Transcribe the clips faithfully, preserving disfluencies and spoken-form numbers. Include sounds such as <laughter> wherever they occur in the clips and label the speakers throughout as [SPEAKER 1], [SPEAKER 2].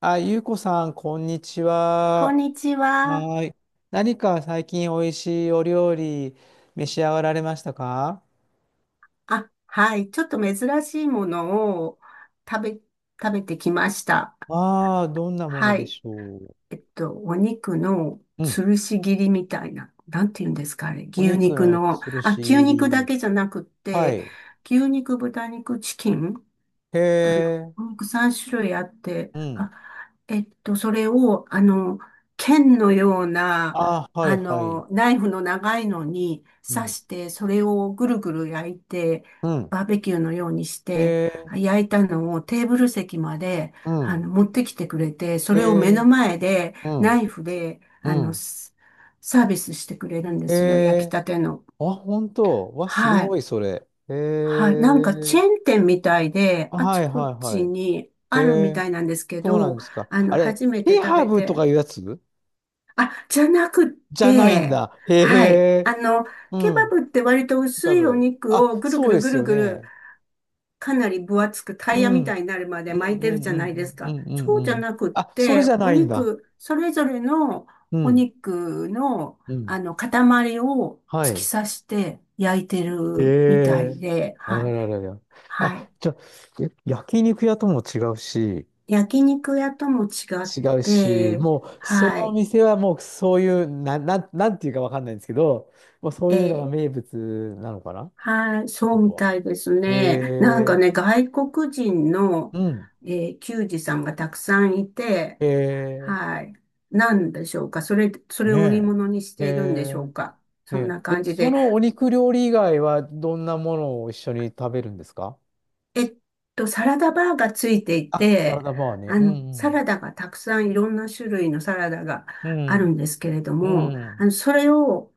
[SPEAKER 1] あ、ゆうこさん、こんにち
[SPEAKER 2] こん
[SPEAKER 1] は。
[SPEAKER 2] にちは。
[SPEAKER 1] はーい。何か最近おいしいお料理召し上がられましたか？
[SPEAKER 2] あ、はい。ちょっと珍しいものを食べ、食べてきました。
[SPEAKER 1] ああー、どんなもの
[SPEAKER 2] は
[SPEAKER 1] で
[SPEAKER 2] い。
[SPEAKER 1] しょ
[SPEAKER 2] えっと、お肉の
[SPEAKER 1] う。うん。
[SPEAKER 2] つるし切りみたいな。なんて言うんですか、あれ。
[SPEAKER 1] お
[SPEAKER 2] 牛
[SPEAKER 1] 肉
[SPEAKER 2] 肉
[SPEAKER 1] の
[SPEAKER 2] の。
[SPEAKER 1] つる
[SPEAKER 2] あ、
[SPEAKER 1] し
[SPEAKER 2] 牛
[SPEAKER 1] 入
[SPEAKER 2] 肉だ
[SPEAKER 1] り。
[SPEAKER 2] けじゃなくっ
[SPEAKER 1] は
[SPEAKER 2] て、
[SPEAKER 1] い。
[SPEAKER 2] 牛肉、豚肉、チキン
[SPEAKER 1] へ
[SPEAKER 2] あの、
[SPEAKER 1] え。
[SPEAKER 2] お肉さん種類あって、
[SPEAKER 1] うん。
[SPEAKER 2] あ、えっと、それを、あの、剣のような、
[SPEAKER 1] ああ、は
[SPEAKER 2] あ
[SPEAKER 1] いはい。
[SPEAKER 2] の、ナイフの長いのに
[SPEAKER 1] う
[SPEAKER 2] 刺
[SPEAKER 1] ん。
[SPEAKER 2] して、それをぐるぐる焼いて、
[SPEAKER 1] うん。
[SPEAKER 2] バーベキューのようにし
[SPEAKER 1] へ
[SPEAKER 2] て、
[SPEAKER 1] え。
[SPEAKER 2] 焼いたのをテーブル席まで、
[SPEAKER 1] う
[SPEAKER 2] あ
[SPEAKER 1] ん。
[SPEAKER 2] の、持ってきてくれて、そ
[SPEAKER 1] へ
[SPEAKER 2] れを目の
[SPEAKER 1] え。
[SPEAKER 2] 前で、
[SPEAKER 1] う
[SPEAKER 2] ナ
[SPEAKER 1] ん。
[SPEAKER 2] イフで、
[SPEAKER 1] う
[SPEAKER 2] あの、
[SPEAKER 1] ん。
[SPEAKER 2] スサービスしてくれるんで
[SPEAKER 1] へ
[SPEAKER 2] すよ、焼き
[SPEAKER 1] え。
[SPEAKER 2] たての。
[SPEAKER 1] あ、本当。わ、す
[SPEAKER 2] は
[SPEAKER 1] ご
[SPEAKER 2] い。
[SPEAKER 1] い、それ。へ
[SPEAKER 2] はい。なんかチェ
[SPEAKER 1] え。
[SPEAKER 2] ーン店みたいで、
[SPEAKER 1] あ
[SPEAKER 2] あち
[SPEAKER 1] はい
[SPEAKER 2] こ
[SPEAKER 1] はいは
[SPEAKER 2] ち
[SPEAKER 1] い。
[SPEAKER 2] に
[SPEAKER 1] へ
[SPEAKER 2] あるみ
[SPEAKER 1] え。
[SPEAKER 2] たいなんですけ
[SPEAKER 1] そうな
[SPEAKER 2] ど、
[SPEAKER 1] んですか。
[SPEAKER 2] あの、
[SPEAKER 1] あれ、
[SPEAKER 2] 初めて
[SPEAKER 1] ケ
[SPEAKER 2] 食
[SPEAKER 1] ハ
[SPEAKER 2] べ
[SPEAKER 1] ブとか
[SPEAKER 2] て、
[SPEAKER 1] いうやつ
[SPEAKER 2] あ、じゃなくっ
[SPEAKER 1] じゃないん
[SPEAKER 2] て、
[SPEAKER 1] だ。へ
[SPEAKER 2] はい。
[SPEAKER 1] え。
[SPEAKER 2] あの、
[SPEAKER 1] う
[SPEAKER 2] ケバ
[SPEAKER 1] ん。
[SPEAKER 2] ブって割と
[SPEAKER 1] ケ
[SPEAKER 2] 薄
[SPEAKER 1] ハ
[SPEAKER 2] いお
[SPEAKER 1] ブ。
[SPEAKER 2] 肉を
[SPEAKER 1] あ、
[SPEAKER 2] ぐる
[SPEAKER 1] そ
[SPEAKER 2] ぐ
[SPEAKER 1] う
[SPEAKER 2] る
[SPEAKER 1] で
[SPEAKER 2] ぐ
[SPEAKER 1] す
[SPEAKER 2] る
[SPEAKER 1] よ
[SPEAKER 2] ぐる、
[SPEAKER 1] ね。
[SPEAKER 2] かなり分厚くタ
[SPEAKER 1] う
[SPEAKER 2] イヤみ
[SPEAKER 1] ん。
[SPEAKER 2] たいになるまで
[SPEAKER 1] うんうん
[SPEAKER 2] 巻いてるじゃ
[SPEAKER 1] う
[SPEAKER 2] な
[SPEAKER 1] ん
[SPEAKER 2] い
[SPEAKER 1] う
[SPEAKER 2] です
[SPEAKER 1] んう
[SPEAKER 2] か。
[SPEAKER 1] んう
[SPEAKER 2] そうじ
[SPEAKER 1] ん
[SPEAKER 2] ゃ
[SPEAKER 1] うん。
[SPEAKER 2] なくっ
[SPEAKER 1] あ、それ
[SPEAKER 2] て、
[SPEAKER 1] じゃ
[SPEAKER 2] お
[SPEAKER 1] ないんだ。
[SPEAKER 2] 肉、それぞれの
[SPEAKER 1] う
[SPEAKER 2] お
[SPEAKER 1] ん。
[SPEAKER 2] 肉の、
[SPEAKER 1] うん。
[SPEAKER 2] あの、塊を
[SPEAKER 1] は
[SPEAKER 2] 突き
[SPEAKER 1] い。
[SPEAKER 2] 刺して焼いて
[SPEAKER 1] へ
[SPEAKER 2] るみたい
[SPEAKER 1] え。
[SPEAKER 2] で、
[SPEAKER 1] あ
[SPEAKER 2] は
[SPEAKER 1] ら
[SPEAKER 2] い。
[SPEAKER 1] ららら。
[SPEAKER 2] は
[SPEAKER 1] あ、
[SPEAKER 2] い。
[SPEAKER 1] じゃあ、え焼肉屋とも違うし、
[SPEAKER 2] 焼肉屋とも違っ
[SPEAKER 1] 違うし、
[SPEAKER 2] て、
[SPEAKER 1] もう、そ
[SPEAKER 2] は
[SPEAKER 1] のお
[SPEAKER 2] い。
[SPEAKER 1] 店はもうそういう、な、なん、なんていうかわかんないんですけど、もうそう
[SPEAKER 2] え
[SPEAKER 1] いうのが
[SPEAKER 2] ー
[SPEAKER 1] 名物なのかなっ
[SPEAKER 2] はい、
[SPEAKER 1] て
[SPEAKER 2] そ
[SPEAKER 1] こ
[SPEAKER 2] う
[SPEAKER 1] と
[SPEAKER 2] み
[SPEAKER 1] は。
[SPEAKER 2] たいです
[SPEAKER 1] へ
[SPEAKER 2] ね。なんか
[SPEAKER 1] え、
[SPEAKER 2] ね、外国人の、
[SPEAKER 1] うん、
[SPEAKER 2] えー球児さんがたくさんいて、
[SPEAKER 1] へえ、
[SPEAKER 2] はい。なんでしょうか。それ、それを売り
[SPEAKER 1] ね
[SPEAKER 2] 物にし
[SPEAKER 1] え、へ
[SPEAKER 2] ているんでし
[SPEAKER 1] え、
[SPEAKER 2] ょうか。そ
[SPEAKER 1] ね
[SPEAKER 2] んな
[SPEAKER 1] え。
[SPEAKER 2] 感
[SPEAKER 1] で、
[SPEAKER 2] じ
[SPEAKER 1] そ
[SPEAKER 2] で。
[SPEAKER 1] のお肉料理以外はどんなものを一緒に食べるんですか？
[SPEAKER 2] えっと、サラダバーがついてい
[SPEAKER 1] あ、サラ
[SPEAKER 2] て、
[SPEAKER 1] ダバーね。
[SPEAKER 2] あ
[SPEAKER 1] う
[SPEAKER 2] の、サ
[SPEAKER 1] ん、
[SPEAKER 2] ラダがたくさんいろんな種類のサラダが
[SPEAKER 1] う
[SPEAKER 2] ある
[SPEAKER 1] ん、
[SPEAKER 2] んですけれど
[SPEAKER 1] うん、
[SPEAKER 2] も、
[SPEAKER 1] う
[SPEAKER 2] あの、
[SPEAKER 1] ん、
[SPEAKER 2] それを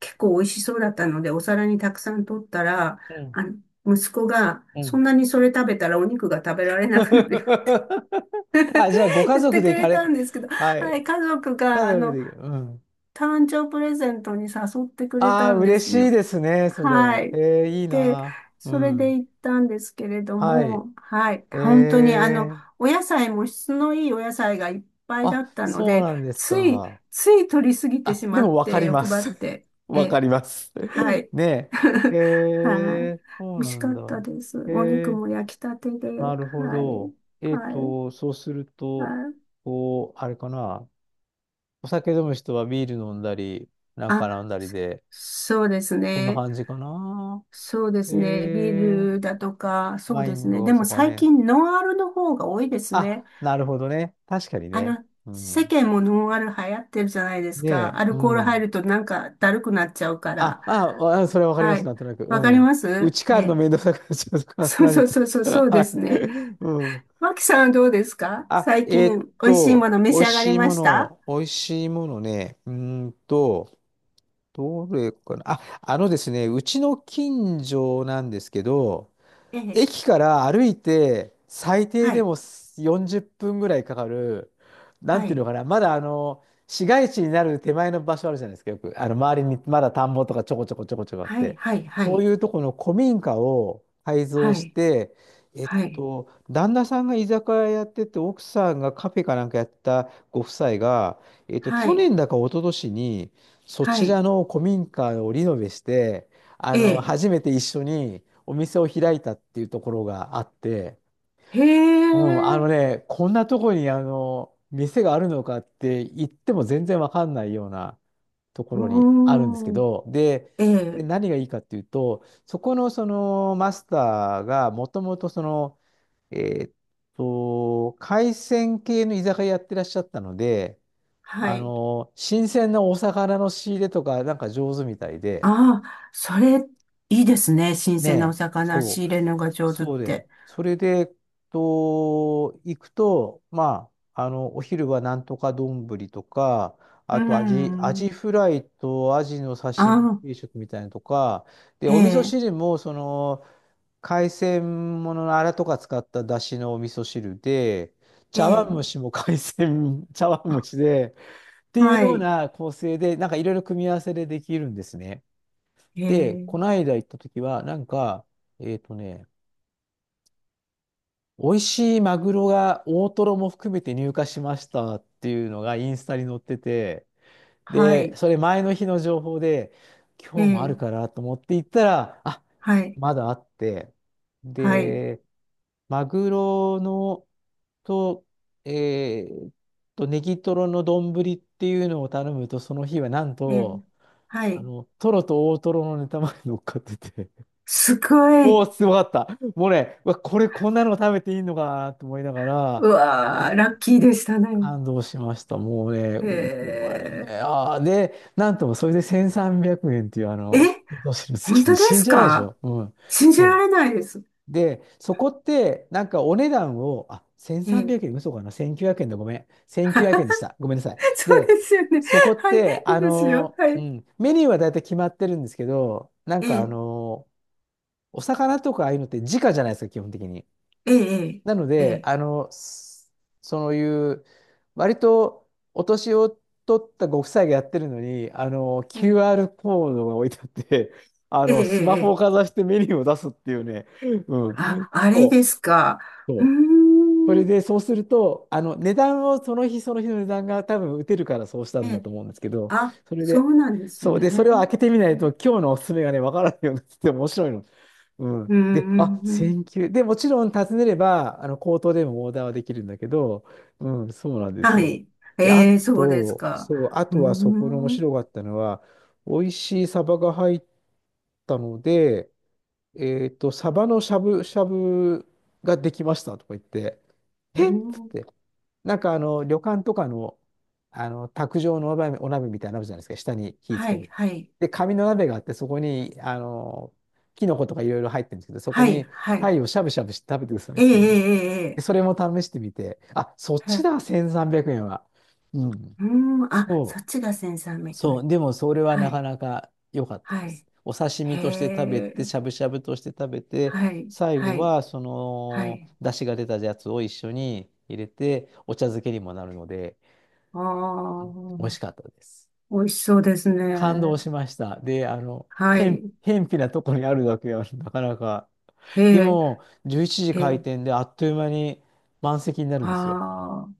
[SPEAKER 2] 結構美味しそうだったので、お皿にたくさん取ったら、
[SPEAKER 1] うん。
[SPEAKER 2] あの、息子が、そんなにそれ食べたらお肉が食べられなくなるよ
[SPEAKER 1] <laughs> あ、じゃあ、ご
[SPEAKER 2] <laughs>
[SPEAKER 1] 家
[SPEAKER 2] 言っ
[SPEAKER 1] 族
[SPEAKER 2] て
[SPEAKER 1] で
[SPEAKER 2] く
[SPEAKER 1] 行か
[SPEAKER 2] れた
[SPEAKER 1] れ、
[SPEAKER 2] んですけど、
[SPEAKER 1] は
[SPEAKER 2] は
[SPEAKER 1] い、
[SPEAKER 2] い、家族
[SPEAKER 1] 家
[SPEAKER 2] が、あ
[SPEAKER 1] 族
[SPEAKER 2] の、
[SPEAKER 1] で行く。うん。
[SPEAKER 2] 誕生プレゼントに誘ってくれ
[SPEAKER 1] あ
[SPEAKER 2] た
[SPEAKER 1] あ、
[SPEAKER 2] んで
[SPEAKER 1] 嬉
[SPEAKER 2] す
[SPEAKER 1] しい
[SPEAKER 2] よ。
[SPEAKER 1] ですね、そ
[SPEAKER 2] は
[SPEAKER 1] れ。え
[SPEAKER 2] い。
[SPEAKER 1] え、いい
[SPEAKER 2] で、
[SPEAKER 1] な。う
[SPEAKER 2] それで
[SPEAKER 1] ん。
[SPEAKER 2] 行ったんですけれど
[SPEAKER 1] はい。
[SPEAKER 2] も、はい。
[SPEAKER 1] え
[SPEAKER 2] 本当にあの、
[SPEAKER 1] え、
[SPEAKER 2] お野菜も質のいいお野菜がいっぱいだ
[SPEAKER 1] あ、
[SPEAKER 2] ったの
[SPEAKER 1] そう
[SPEAKER 2] で、
[SPEAKER 1] なんです
[SPEAKER 2] つい、
[SPEAKER 1] か。
[SPEAKER 2] つい取りすぎて
[SPEAKER 1] あ、
[SPEAKER 2] し
[SPEAKER 1] で
[SPEAKER 2] まっ
[SPEAKER 1] もわか
[SPEAKER 2] て、
[SPEAKER 1] りま
[SPEAKER 2] 欲張
[SPEAKER 1] す。
[SPEAKER 2] っ
[SPEAKER 1] <laughs>
[SPEAKER 2] て。
[SPEAKER 1] わか
[SPEAKER 2] え、
[SPEAKER 1] ります。
[SPEAKER 2] は
[SPEAKER 1] <laughs>
[SPEAKER 2] い。
[SPEAKER 1] ね
[SPEAKER 2] <laughs>
[SPEAKER 1] え。
[SPEAKER 2] はい。
[SPEAKER 1] えー、
[SPEAKER 2] 美
[SPEAKER 1] そう
[SPEAKER 2] 味し
[SPEAKER 1] な
[SPEAKER 2] か
[SPEAKER 1] ん
[SPEAKER 2] っ
[SPEAKER 1] だ。
[SPEAKER 2] たです。お肉
[SPEAKER 1] えー、
[SPEAKER 2] も焼きたてで。
[SPEAKER 1] なるほ
[SPEAKER 2] はい。
[SPEAKER 1] ど。えっ
[SPEAKER 2] は
[SPEAKER 1] と、
[SPEAKER 2] い。
[SPEAKER 1] そうする
[SPEAKER 2] は
[SPEAKER 1] と、
[SPEAKER 2] い。
[SPEAKER 1] こう、あれかな。お酒飲む人はビール飲んだり、なん
[SPEAKER 2] あ、
[SPEAKER 1] か飲んだり
[SPEAKER 2] そ
[SPEAKER 1] で、
[SPEAKER 2] そうです
[SPEAKER 1] こんな
[SPEAKER 2] ね。
[SPEAKER 1] 感じかな。
[SPEAKER 2] そうで
[SPEAKER 1] え
[SPEAKER 2] すね。ビー
[SPEAKER 1] ー、
[SPEAKER 2] ルだとか、そう
[SPEAKER 1] ワイ
[SPEAKER 2] です
[SPEAKER 1] ン
[SPEAKER 2] ね。でも
[SPEAKER 1] とか
[SPEAKER 2] 最
[SPEAKER 1] ね。
[SPEAKER 2] 近ノンアルの方が多いですね。
[SPEAKER 1] あ、なるほどね。確かに
[SPEAKER 2] あ
[SPEAKER 1] ね。
[SPEAKER 2] の、
[SPEAKER 1] う
[SPEAKER 2] 世
[SPEAKER 1] ん。
[SPEAKER 2] 間もノンアル流行ってるじゃないですか。
[SPEAKER 1] で、
[SPEAKER 2] ア
[SPEAKER 1] う
[SPEAKER 2] ルコール入
[SPEAKER 1] ん。
[SPEAKER 2] るとなんかだるくなっちゃうから。
[SPEAKER 1] あ、あ、あ、それはわかりま
[SPEAKER 2] は
[SPEAKER 1] す、
[SPEAKER 2] い。
[SPEAKER 1] なんとなく。う
[SPEAKER 2] わかり
[SPEAKER 1] ん。
[SPEAKER 2] ま
[SPEAKER 1] う
[SPEAKER 2] す
[SPEAKER 1] ち帰
[SPEAKER 2] え
[SPEAKER 1] るの
[SPEAKER 2] え。
[SPEAKER 1] 面倒くさく
[SPEAKER 2] <laughs>
[SPEAKER 1] なっちゃうとか、
[SPEAKER 2] そうそうそうそ
[SPEAKER 1] <laughs> 何と。
[SPEAKER 2] う、そう
[SPEAKER 1] は
[SPEAKER 2] です
[SPEAKER 1] い。
[SPEAKER 2] ね。
[SPEAKER 1] うん。
[SPEAKER 2] マキさんはどうですか？
[SPEAKER 1] あ、
[SPEAKER 2] 最
[SPEAKER 1] え
[SPEAKER 2] 近
[SPEAKER 1] ーっ
[SPEAKER 2] 美味しいも
[SPEAKER 1] と、
[SPEAKER 2] の召
[SPEAKER 1] 美
[SPEAKER 2] し
[SPEAKER 1] 味
[SPEAKER 2] 上がり
[SPEAKER 1] しい
[SPEAKER 2] ま
[SPEAKER 1] も
[SPEAKER 2] した？
[SPEAKER 1] の、美味しいものね。うーんと、どれかな。あ、あのですね、うちの近所なんですけど、
[SPEAKER 2] ええ。
[SPEAKER 1] 駅から歩いて最低
[SPEAKER 2] は
[SPEAKER 1] で
[SPEAKER 2] い。
[SPEAKER 1] もよんじゅっぷんぐらいかかる、なん
[SPEAKER 2] は
[SPEAKER 1] ていうの
[SPEAKER 2] い。
[SPEAKER 1] かな、まだあの、市街地になる手前の場所あるじゃないですか、よく。あの、周りにまだ田んぼとかちょこちょこちょこちょこあっ
[SPEAKER 2] はい。
[SPEAKER 1] て。
[SPEAKER 2] はい。は
[SPEAKER 1] そう
[SPEAKER 2] い。
[SPEAKER 1] いうとこの古民家を改造
[SPEAKER 2] は
[SPEAKER 1] し
[SPEAKER 2] い。
[SPEAKER 1] て、えっ
[SPEAKER 2] はい。
[SPEAKER 1] と、旦那さんが居酒屋やってて、奥さんがカフェかなんかやったご夫妻が、えっと、
[SPEAKER 2] は
[SPEAKER 1] 去
[SPEAKER 2] い。
[SPEAKER 1] 年だか一昨年に、そ
[SPEAKER 2] は
[SPEAKER 1] ち
[SPEAKER 2] い。
[SPEAKER 1] らの古民家をリノベして、あ
[SPEAKER 2] え
[SPEAKER 1] の、
[SPEAKER 2] え。
[SPEAKER 1] 初めて一緒にお店を開いたっていうところがあって、
[SPEAKER 2] へ
[SPEAKER 1] うん、あ
[SPEAKER 2] え。
[SPEAKER 1] のね、こんなとこにあの、店があるのかって言っても全然わかんないようなとこ
[SPEAKER 2] う
[SPEAKER 1] ろにあるんですけ
[SPEAKER 2] ーん。
[SPEAKER 1] ど、で、
[SPEAKER 2] え
[SPEAKER 1] で
[SPEAKER 2] え、
[SPEAKER 1] 何がいいかっていうと、そこのそのマスターがもともとその、えーっと、海鮮系の居酒屋やってらっしゃったので、
[SPEAKER 2] は
[SPEAKER 1] あ
[SPEAKER 2] い。
[SPEAKER 1] の、新鮮なお魚の仕入れとかなんか上手みたいで、
[SPEAKER 2] ああ、それ、いいですね。新
[SPEAKER 1] ね
[SPEAKER 2] 鮮なお
[SPEAKER 1] え、
[SPEAKER 2] 魚
[SPEAKER 1] そ
[SPEAKER 2] 仕
[SPEAKER 1] う。
[SPEAKER 2] 入れるのが上手っ
[SPEAKER 1] そうで、
[SPEAKER 2] て。
[SPEAKER 1] それで、えっと、行くと、まあ、あの、お昼はなんとか丼とか、
[SPEAKER 2] う
[SPEAKER 1] あとアジ、アジ
[SPEAKER 2] ん。
[SPEAKER 1] フライとアジの
[SPEAKER 2] あ
[SPEAKER 1] 刺身
[SPEAKER 2] あ、
[SPEAKER 1] 定食みたいなのとか、で、
[SPEAKER 2] え
[SPEAKER 1] お味噌
[SPEAKER 2] え、
[SPEAKER 1] 汁も、その、海鮮もののアラとか使った出汁のお味噌汁で、
[SPEAKER 2] え
[SPEAKER 1] 茶碗
[SPEAKER 2] え、
[SPEAKER 1] 蒸しも海鮮、<laughs> 茶碗蒸しで、っていう
[SPEAKER 2] は
[SPEAKER 1] よう
[SPEAKER 2] い。
[SPEAKER 1] な構成で、なんかいろいろ組み合わせでできるんですね。
[SPEAKER 2] え
[SPEAKER 1] で、この
[SPEAKER 2] え、
[SPEAKER 1] 間行った時は、なんか、えっとね、美味しいマグロが大トロも含めて入荷しましたっていうのがインスタに載ってて、
[SPEAKER 2] は
[SPEAKER 1] で、
[SPEAKER 2] い。
[SPEAKER 1] それ前の日の情報で、
[SPEAKER 2] え
[SPEAKER 1] 今日もある
[SPEAKER 2] え、
[SPEAKER 1] からと思って行ったら、あ、
[SPEAKER 2] はい。
[SPEAKER 1] まだあって、
[SPEAKER 2] はい。
[SPEAKER 1] で、マグロのと、えーっと、ネギトロの丼っていうのを頼むと、その日はなん
[SPEAKER 2] ええ、
[SPEAKER 1] と、
[SPEAKER 2] は
[SPEAKER 1] あ
[SPEAKER 2] い。
[SPEAKER 1] の、トロと大トロのネタまで乗っかってて
[SPEAKER 2] すご
[SPEAKER 1] も
[SPEAKER 2] い。
[SPEAKER 1] うすごかった。もうね、うわ、これこんなの食べていいのかなと思いながら、
[SPEAKER 2] う
[SPEAKER 1] も
[SPEAKER 2] わー、
[SPEAKER 1] う
[SPEAKER 2] ラッキーでしたね。
[SPEAKER 1] 感動しました。もうね、こ
[SPEAKER 2] え
[SPEAKER 1] れああー、で、なんともそれでせんさんびゃくえんっていうあ
[SPEAKER 2] え、
[SPEAKER 1] の、
[SPEAKER 2] え、
[SPEAKER 1] どうする好き
[SPEAKER 2] 本
[SPEAKER 1] で
[SPEAKER 2] 当で
[SPEAKER 1] 信
[SPEAKER 2] す
[SPEAKER 1] じられないでし
[SPEAKER 2] か？
[SPEAKER 1] ょ。うん。
[SPEAKER 2] 信じら
[SPEAKER 1] そ
[SPEAKER 2] れないです。
[SPEAKER 1] う。で、そこって、なんかお値段を、あ、
[SPEAKER 2] え
[SPEAKER 1] 1300
[SPEAKER 2] え、
[SPEAKER 1] 円、嘘かな？ せんきゅうひゃくえんでごめん。
[SPEAKER 2] <laughs> そ
[SPEAKER 1] せんきゅうひゃくえんでした。ごめんなさい。
[SPEAKER 2] う
[SPEAKER 1] で、
[SPEAKER 2] ですよね。
[SPEAKER 1] そこっ
[SPEAKER 2] はい。い
[SPEAKER 1] て、あ
[SPEAKER 2] いですよ。
[SPEAKER 1] の、
[SPEAKER 2] は
[SPEAKER 1] う
[SPEAKER 2] い。
[SPEAKER 1] ん、メニューは大体決まってるんですけど、なんかあ
[SPEAKER 2] ええ
[SPEAKER 1] の、お魚とかああいうのって直じゃないですか、基本的に。
[SPEAKER 2] ええ、
[SPEAKER 1] なの
[SPEAKER 2] え
[SPEAKER 1] で、
[SPEAKER 2] え、
[SPEAKER 1] あの、s- そういう、割とお年を取ったご夫妻がやってるのに、あの、
[SPEAKER 2] ええ、
[SPEAKER 1] キューアール コードが置いてあって、あ
[SPEAKER 2] ええ、
[SPEAKER 1] の、スマ
[SPEAKER 2] え
[SPEAKER 1] ホを
[SPEAKER 2] え、
[SPEAKER 1] かざしてメニューを出すっていうね、う
[SPEAKER 2] あ、
[SPEAKER 1] ん、
[SPEAKER 2] あれで
[SPEAKER 1] そ
[SPEAKER 2] すか。
[SPEAKER 1] う、そ
[SPEAKER 2] うー
[SPEAKER 1] うそれ
[SPEAKER 2] ん、
[SPEAKER 1] で、そうすると、あの、値段を、その日その日の値段が多分打てるからそうした
[SPEAKER 2] え
[SPEAKER 1] んだ
[SPEAKER 2] え、
[SPEAKER 1] と思うんですけど、
[SPEAKER 2] あ、
[SPEAKER 1] それ
[SPEAKER 2] そう
[SPEAKER 1] で、
[SPEAKER 2] なんです
[SPEAKER 1] そう、
[SPEAKER 2] ね。
[SPEAKER 1] で、それを開けてみな
[SPEAKER 2] う
[SPEAKER 1] いと、
[SPEAKER 2] ん、
[SPEAKER 1] 今日のおすすめがね、わからないようになってて面白いの。うん。
[SPEAKER 2] うん、う
[SPEAKER 1] で、あ、
[SPEAKER 2] んうん
[SPEAKER 1] 選球。で、もちろん尋ねれば、あの、口頭でもオーダーはできるんだけど、うん、そうなんです
[SPEAKER 2] は
[SPEAKER 1] よ。
[SPEAKER 2] い。
[SPEAKER 1] で、あ
[SPEAKER 2] ええ、そうです
[SPEAKER 1] と、
[SPEAKER 2] か。
[SPEAKER 1] そう、あ
[SPEAKER 2] うー
[SPEAKER 1] とはそこの面
[SPEAKER 2] ん、う
[SPEAKER 1] 白かったのは、美味しいサバが入ったので、えっと、サバのしゃぶしゃぶができましたとか言って、えっつっ
[SPEAKER 2] ん
[SPEAKER 1] て、なんかあの、旅館とかの、あの、卓上のお鍋、お鍋みたいなのあるじゃないですか、下に火つ
[SPEAKER 2] は
[SPEAKER 1] け
[SPEAKER 2] い、
[SPEAKER 1] る。
[SPEAKER 2] はい、
[SPEAKER 1] で、紙の鍋があって、そこに、あの、キノコとかいろいろ入ってるんですけど、そこ
[SPEAKER 2] はい、
[SPEAKER 1] に
[SPEAKER 2] はい。
[SPEAKER 1] 鯛をしゃぶしゃぶして食べてくださいっ
[SPEAKER 2] ええ、
[SPEAKER 1] て言うんで。
[SPEAKER 2] え
[SPEAKER 1] で、
[SPEAKER 2] え、
[SPEAKER 1] そ
[SPEAKER 2] え
[SPEAKER 1] れも試してみて、あ、そっ
[SPEAKER 2] え、
[SPEAKER 1] ち
[SPEAKER 2] え
[SPEAKER 1] だ、せんさんびゃくえんは。うん。
[SPEAKER 2] うーん、あ、そ
[SPEAKER 1] そ
[SPEAKER 2] っ
[SPEAKER 1] う。
[SPEAKER 2] ちがセンサー三百
[SPEAKER 1] そう、
[SPEAKER 2] 円。
[SPEAKER 1] でもそれは
[SPEAKER 2] は
[SPEAKER 1] なか
[SPEAKER 2] い、
[SPEAKER 1] なか良かったで
[SPEAKER 2] は
[SPEAKER 1] す。
[SPEAKER 2] い。
[SPEAKER 1] お刺
[SPEAKER 2] へ
[SPEAKER 1] 身として食べて、
[SPEAKER 2] え、
[SPEAKER 1] しゃぶしゃぶとして食べて、
[SPEAKER 2] はい、
[SPEAKER 1] 最
[SPEAKER 2] は
[SPEAKER 1] 後
[SPEAKER 2] い、
[SPEAKER 1] はそ
[SPEAKER 2] は
[SPEAKER 1] の
[SPEAKER 2] い。
[SPEAKER 1] 出汁が出たやつを一緒に入れて、お茶漬けにもなるので、
[SPEAKER 2] ああ、
[SPEAKER 1] 美味しかったです。
[SPEAKER 2] 美味しそうです
[SPEAKER 1] 感動
[SPEAKER 2] ね。
[SPEAKER 1] しました。で、あの、
[SPEAKER 2] は
[SPEAKER 1] へん、
[SPEAKER 2] い。
[SPEAKER 1] へんぴなとこにあるだけはなかなか。
[SPEAKER 2] へ
[SPEAKER 1] で
[SPEAKER 2] え、
[SPEAKER 1] も、じゅういちじ
[SPEAKER 2] え
[SPEAKER 1] 開
[SPEAKER 2] え、
[SPEAKER 1] 店であっという間に満席になるんですよ。
[SPEAKER 2] ああ、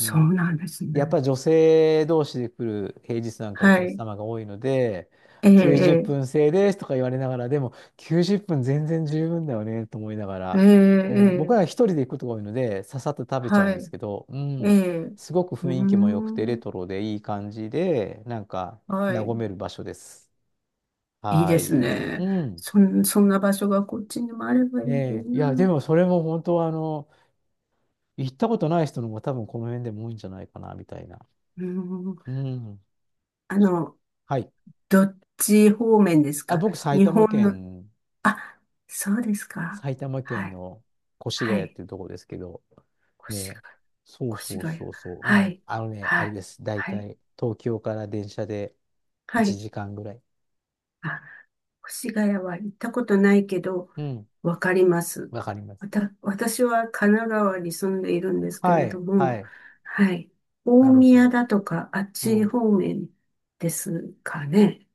[SPEAKER 1] うん。
[SPEAKER 2] うなんですね。
[SPEAKER 1] やっぱり女性同士で来る平日なんかお
[SPEAKER 2] は
[SPEAKER 1] 客
[SPEAKER 2] い。
[SPEAKER 1] 様が多いので、
[SPEAKER 2] え
[SPEAKER 1] 90
[SPEAKER 2] え、
[SPEAKER 1] 分制ですとか言われながら、でもきゅうじゅっぷん全然十分だよねと思いなが
[SPEAKER 2] ええ、
[SPEAKER 1] ら、
[SPEAKER 2] え
[SPEAKER 1] うん、
[SPEAKER 2] え、
[SPEAKER 1] 僕
[SPEAKER 2] え
[SPEAKER 1] は一
[SPEAKER 2] え
[SPEAKER 1] 人で行くことが多いので、ささっと食べちゃう
[SPEAKER 2] は
[SPEAKER 1] んです
[SPEAKER 2] い。
[SPEAKER 1] けど、う
[SPEAKER 2] え
[SPEAKER 1] ん、
[SPEAKER 2] え、う
[SPEAKER 1] すごく
[SPEAKER 2] ー
[SPEAKER 1] 雰囲気も良くて、レ
[SPEAKER 2] ん、
[SPEAKER 1] トロでいい感じで、なんか
[SPEAKER 2] はい。
[SPEAKER 1] 和める場所です。
[SPEAKER 2] いい
[SPEAKER 1] は
[SPEAKER 2] です
[SPEAKER 1] い。う
[SPEAKER 2] ね。
[SPEAKER 1] ん。
[SPEAKER 2] そん、そんな場所がこっちにもあればいい
[SPEAKER 1] ねえ。いや、で
[SPEAKER 2] な。
[SPEAKER 1] もそれも本当は、あの、行ったことない人の方が多分この辺でも多いんじゃないかな、みたいな。
[SPEAKER 2] うーん、
[SPEAKER 1] うん。
[SPEAKER 2] あの、
[SPEAKER 1] はい。
[SPEAKER 2] どっち方面です
[SPEAKER 1] あ、
[SPEAKER 2] か？
[SPEAKER 1] 僕、埼
[SPEAKER 2] 日
[SPEAKER 1] 玉
[SPEAKER 2] 本の、
[SPEAKER 1] 県、
[SPEAKER 2] あ、そうですか。
[SPEAKER 1] 埼玉
[SPEAKER 2] は
[SPEAKER 1] 県
[SPEAKER 2] い。
[SPEAKER 1] の越
[SPEAKER 2] は
[SPEAKER 1] 谷っ
[SPEAKER 2] い。
[SPEAKER 1] ていうところですけど、
[SPEAKER 2] 越
[SPEAKER 1] ね、そう
[SPEAKER 2] 谷、
[SPEAKER 1] そ
[SPEAKER 2] 越
[SPEAKER 1] う
[SPEAKER 2] 谷。
[SPEAKER 1] そうそう、
[SPEAKER 2] は
[SPEAKER 1] うん、
[SPEAKER 2] い。
[SPEAKER 1] あのね、あ
[SPEAKER 2] は
[SPEAKER 1] れ
[SPEAKER 2] い。
[SPEAKER 1] です。大
[SPEAKER 2] はい。
[SPEAKER 1] 体、東京から電車で
[SPEAKER 2] は
[SPEAKER 1] 1
[SPEAKER 2] い。
[SPEAKER 1] 時間ぐらい。
[SPEAKER 2] あ、越谷は行ったことないけど、
[SPEAKER 1] うん、
[SPEAKER 2] わかります。
[SPEAKER 1] わかりま
[SPEAKER 2] わ
[SPEAKER 1] す。
[SPEAKER 2] た、私は神奈川に住んでいるんですけ
[SPEAKER 1] は
[SPEAKER 2] れど
[SPEAKER 1] い、は
[SPEAKER 2] も、
[SPEAKER 1] い、
[SPEAKER 2] はい。
[SPEAKER 1] な
[SPEAKER 2] 大
[SPEAKER 1] る
[SPEAKER 2] 宮
[SPEAKER 1] ほ
[SPEAKER 2] だとか、あっ
[SPEAKER 1] ど。う
[SPEAKER 2] ち
[SPEAKER 1] ん。
[SPEAKER 2] 方面ですかね。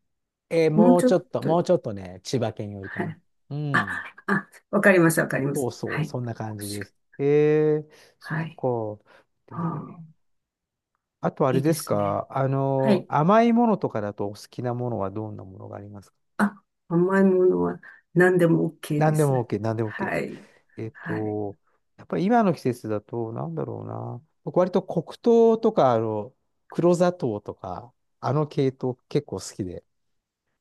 [SPEAKER 1] えー
[SPEAKER 2] もう
[SPEAKER 1] もう
[SPEAKER 2] ちょ
[SPEAKER 1] ちょ
[SPEAKER 2] っ
[SPEAKER 1] っと、
[SPEAKER 2] と、
[SPEAKER 1] もうちょっとね、千葉県よりか
[SPEAKER 2] は
[SPEAKER 1] な。
[SPEAKER 2] い。
[SPEAKER 1] う
[SPEAKER 2] あ、
[SPEAKER 1] ん、
[SPEAKER 2] あ、わかります、わかりま
[SPEAKER 1] そ
[SPEAKER 2] す。
[SPEAKER 1] うそ
[SPEAKER 2] は
[SPEAKER 1] う、
[SPEAKER 2] い。
[SPEAKER 1] そんな感じ
[SPEAKER 2] 越
[SPEAKER 1] で
[SPEAKER 2] 谷
[SPEAKER 1] す。えー、そっ
[SPEAKER 2] はい。
[SPEAKER 1] か。でも
[SPEAKER 2] あ
[SPEAKER 1] ね、
[SPEAKER 2] あ、
[SPEAKER 1] あとあ
[SPEAKER 2] い
[SPEAKER 1] れ
[SPEAKER 2] い
[SPEAKER 1] で
[SPEAKER 2] で
[SPEAKER 1] す
[SPEAKER 2] すね。
[SPEAKER 1] か、あ
[SPEAKER 2] は
[SPEAKER 1] の、
[SPEAKER 2] い。
[SPEAKER 1] 甘いものとかだとお好きなものはどんなものがありますか？
[SPEAKER 2] あ、甘いものは何でも OK で
[SPEAKER 1] 何でも
[SPEAKER 2] す。
[SPEAKER 1] OK、何でも OK。
[SPEAKER 2] はい。
[SPEAKER 1] えっ
[SPEAKER 2] はい。
[SPEAKER 1] と、やっぱり今の季節だと、なんだろうな。僕割と黒糖とか、あの、黒砂糖とか、あの系統結構好きで。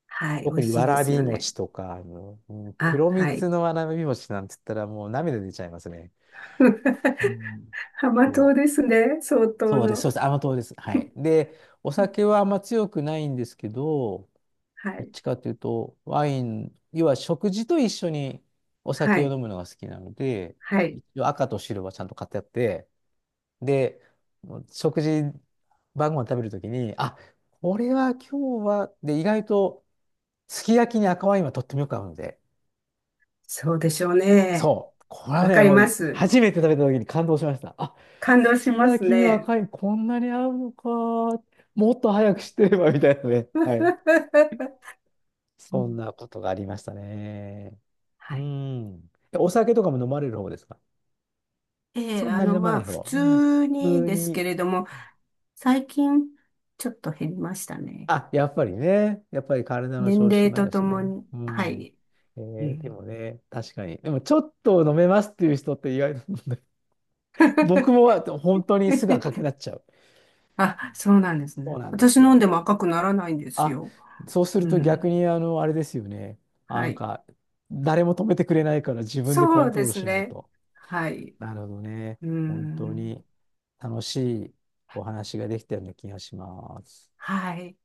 [SPEAKER 2] はい。美
[SPEAKER 1] 特
[SPEAKER 2] 味
[SPEAKER 1] に
[SPEAKER 2] しい
[SPEAKER 1] わ
[SPEAKER 2] で
[SPEAKER 1] ら
[SPEAKER 2] す
[SPEAKER 1] び
[SPEAKER 2] よね。
[SPEAKER 1] 餅とか、あの、うん
[SPEAKER 2] あ、
[SPEAKER 1] 黒
[SPEAKER 2] は
[SPEAKER 1] 蜜
[SPEAKER 2] い。
[SPEAKER 1] のわらび餅なんて言ったらもう涙出ちゃいますね。う
[SPEAKER 2] <laughs>
[SPEAKER 1] ん、
[SPEAKER 2] 浜島
[SPEAKER 1] そう
[SPEAKER 2] ですね、相当
[SPEAKER 1] そうです、
[SPEAKER 2] の。
[SPEAKER 1] そうです。甘党です。はい。で、お酒はあんま強くないんですけど、
[SPEAKER 2] は
[SPEAKER 1] どっ
[SPEAKER 2] い、
[SPEAKER 1] ちかというと、ワイン、要は食事と一緒にお
[SPEAKER 2] は
[SPEAKER 1] 酒を
[SPEAKER 2] い、
[SPEAKER 1] 飲むのが好きなので、
[SPEAKER 2] はい。
[SPEAKER 1] 一応赤と白はちゃんと買ってあって、で、食事、晩ご飯食べるときに、あ、これは今日は、で、意外と、すき焼きに赤ワインはとってもよく合うので、
[SPEAKER 2] そうでしょうね。
[SPEAKER 1] そう、これは
[SPEAKER 2] わ
[SPEAKER 1] ね、
[SPEAKER 2] かり
[SPEAKER 1] もう
[SPEAKER 2] ま
[SPEAKER 1] い
[SPEAKER 2] す。
[SPEAKER 1] 初めて食べたときに感動しました。あ、
[SPEAKER 2] 感
[SPEAKER 1] す
[SPEAKER 2] 動し
[SPEAKER 1] き
[SPEAKER 2] ます
[SPEAKER 1] 焼きに
[SPEAKER 2] ね。
[SPEAKER 1] 赤ワインこんなに合うのか、もっと早く知ってれば、みたいなね。
[SPEAKER 2] <laughs>
[SPEAKER 1] はい。
[SPEAKER 2] う
[SPEAKER 1] そんな
[SPEAKER 2] ん
[SPEAKER 1] ことがありましたね。
[SPEAKER 2] は
[SPEAKER 1] う
[SPEAKER 2] い。
[SPEAKER 1] ん。えお酒とかも飲まれる方ですか？
[SPEAKER 2] ええ、
[SPEAKER 1] そん
[SPEAKER 2] あ
[SPEAKER 1] なに
[SPEAKER 2] の、
[SPEAKER 1] 飲ま
[SPEAKER 2] ま
[SPEAKER 1] な
[SPEAKER 2] あ、
[SPEAKER 1] い
[SPEAKER 2] 普
[SPEAKER 1] 方。うん。
[SPEAKER 2] 通に
[SPEAKER 1] 普通
[SPEAKER 2] です
[SPEAKER 1] に。
[SPEAKER 2] けれども、最近、ちょっと減りましたね。
[SPEAKER 1] あ、やっぱりね。やっぱり体の
[SPEAKER 2] 年
[SPEAKER 1] 調子
[SPEAKER 2] 齢
[SPEAKER 1] もあ
[SPEAKER 2] と
[SPEAKER 1] る
[SPEAKER 2] と
[SPEAKER 1] し
[SPEAKER 2] も
[SPEAKER 1] ね。
[SPEAKER 2] に。
[SPEAKER 1] う
[SPEAKER 2] は
[SPEAKER 1] ん。
[SPEAKER 2] い。
[SPEAKER 1] え
[SPEAKER 2] う
[SPEAKER 1] ーで
[SPEAKER 2] ん
[SPEAKER 1] もね、確かに。でも、ちょっと飲めますっていう人って意外と <laughs> 僕
[SPEAKER 2] <laughs>
[SPEAKER 1] も本当にすぐ赤くなっちゃう。
[SPEAKER 2] あ、そうなんです
[SPEAKER 1] そう
[SPEAKER 2] ね。
[SPEAKER 1] なんで
[SPEAKER 2] 私
[SPEAKER 1] す
[SPEAKER 2] 飲ん
[SPEAKER 1] よ。
[SPEAKER 2] でも赤くならないんです
[SPEAKER 1] あ、
[SPEAKER 2] よ。
[SPEAKER 1] そうする
[SPEAKER 2] う
[SPEAKER 1] と逆
[SPEAKER 2] ん。
[SPEAKER 1] に、あの、あれですよね。あ
[SPEAKER 2] は
[SPEAKER 1] なん
[SPEAKER 2] い。
[SPEAKER 1] か、誰も止めてくれないから自分でコ
[SPEAKER 2] そ
[SPEAKER 1] ン
[SPEAKER 2] う
[SPEAKER 1] ト
[SPEAKER 2] で
[SPEAKER 1] ロール
[SPEAKER 2] す
[SPEAKER 1] しない
[SPEAKER 2] ね。
[SPEAKER 1] と。
[SPEAKER 2] はい。う
[SPEAKER 1] なるほどね。
[SPEAKER 2] ー
[SPEAKER 1] 本当
[SPEAKER 2] ん。
[SPEAKER 1] に楽しいお話ができたような気がします。
[SPEAKER 2] はい。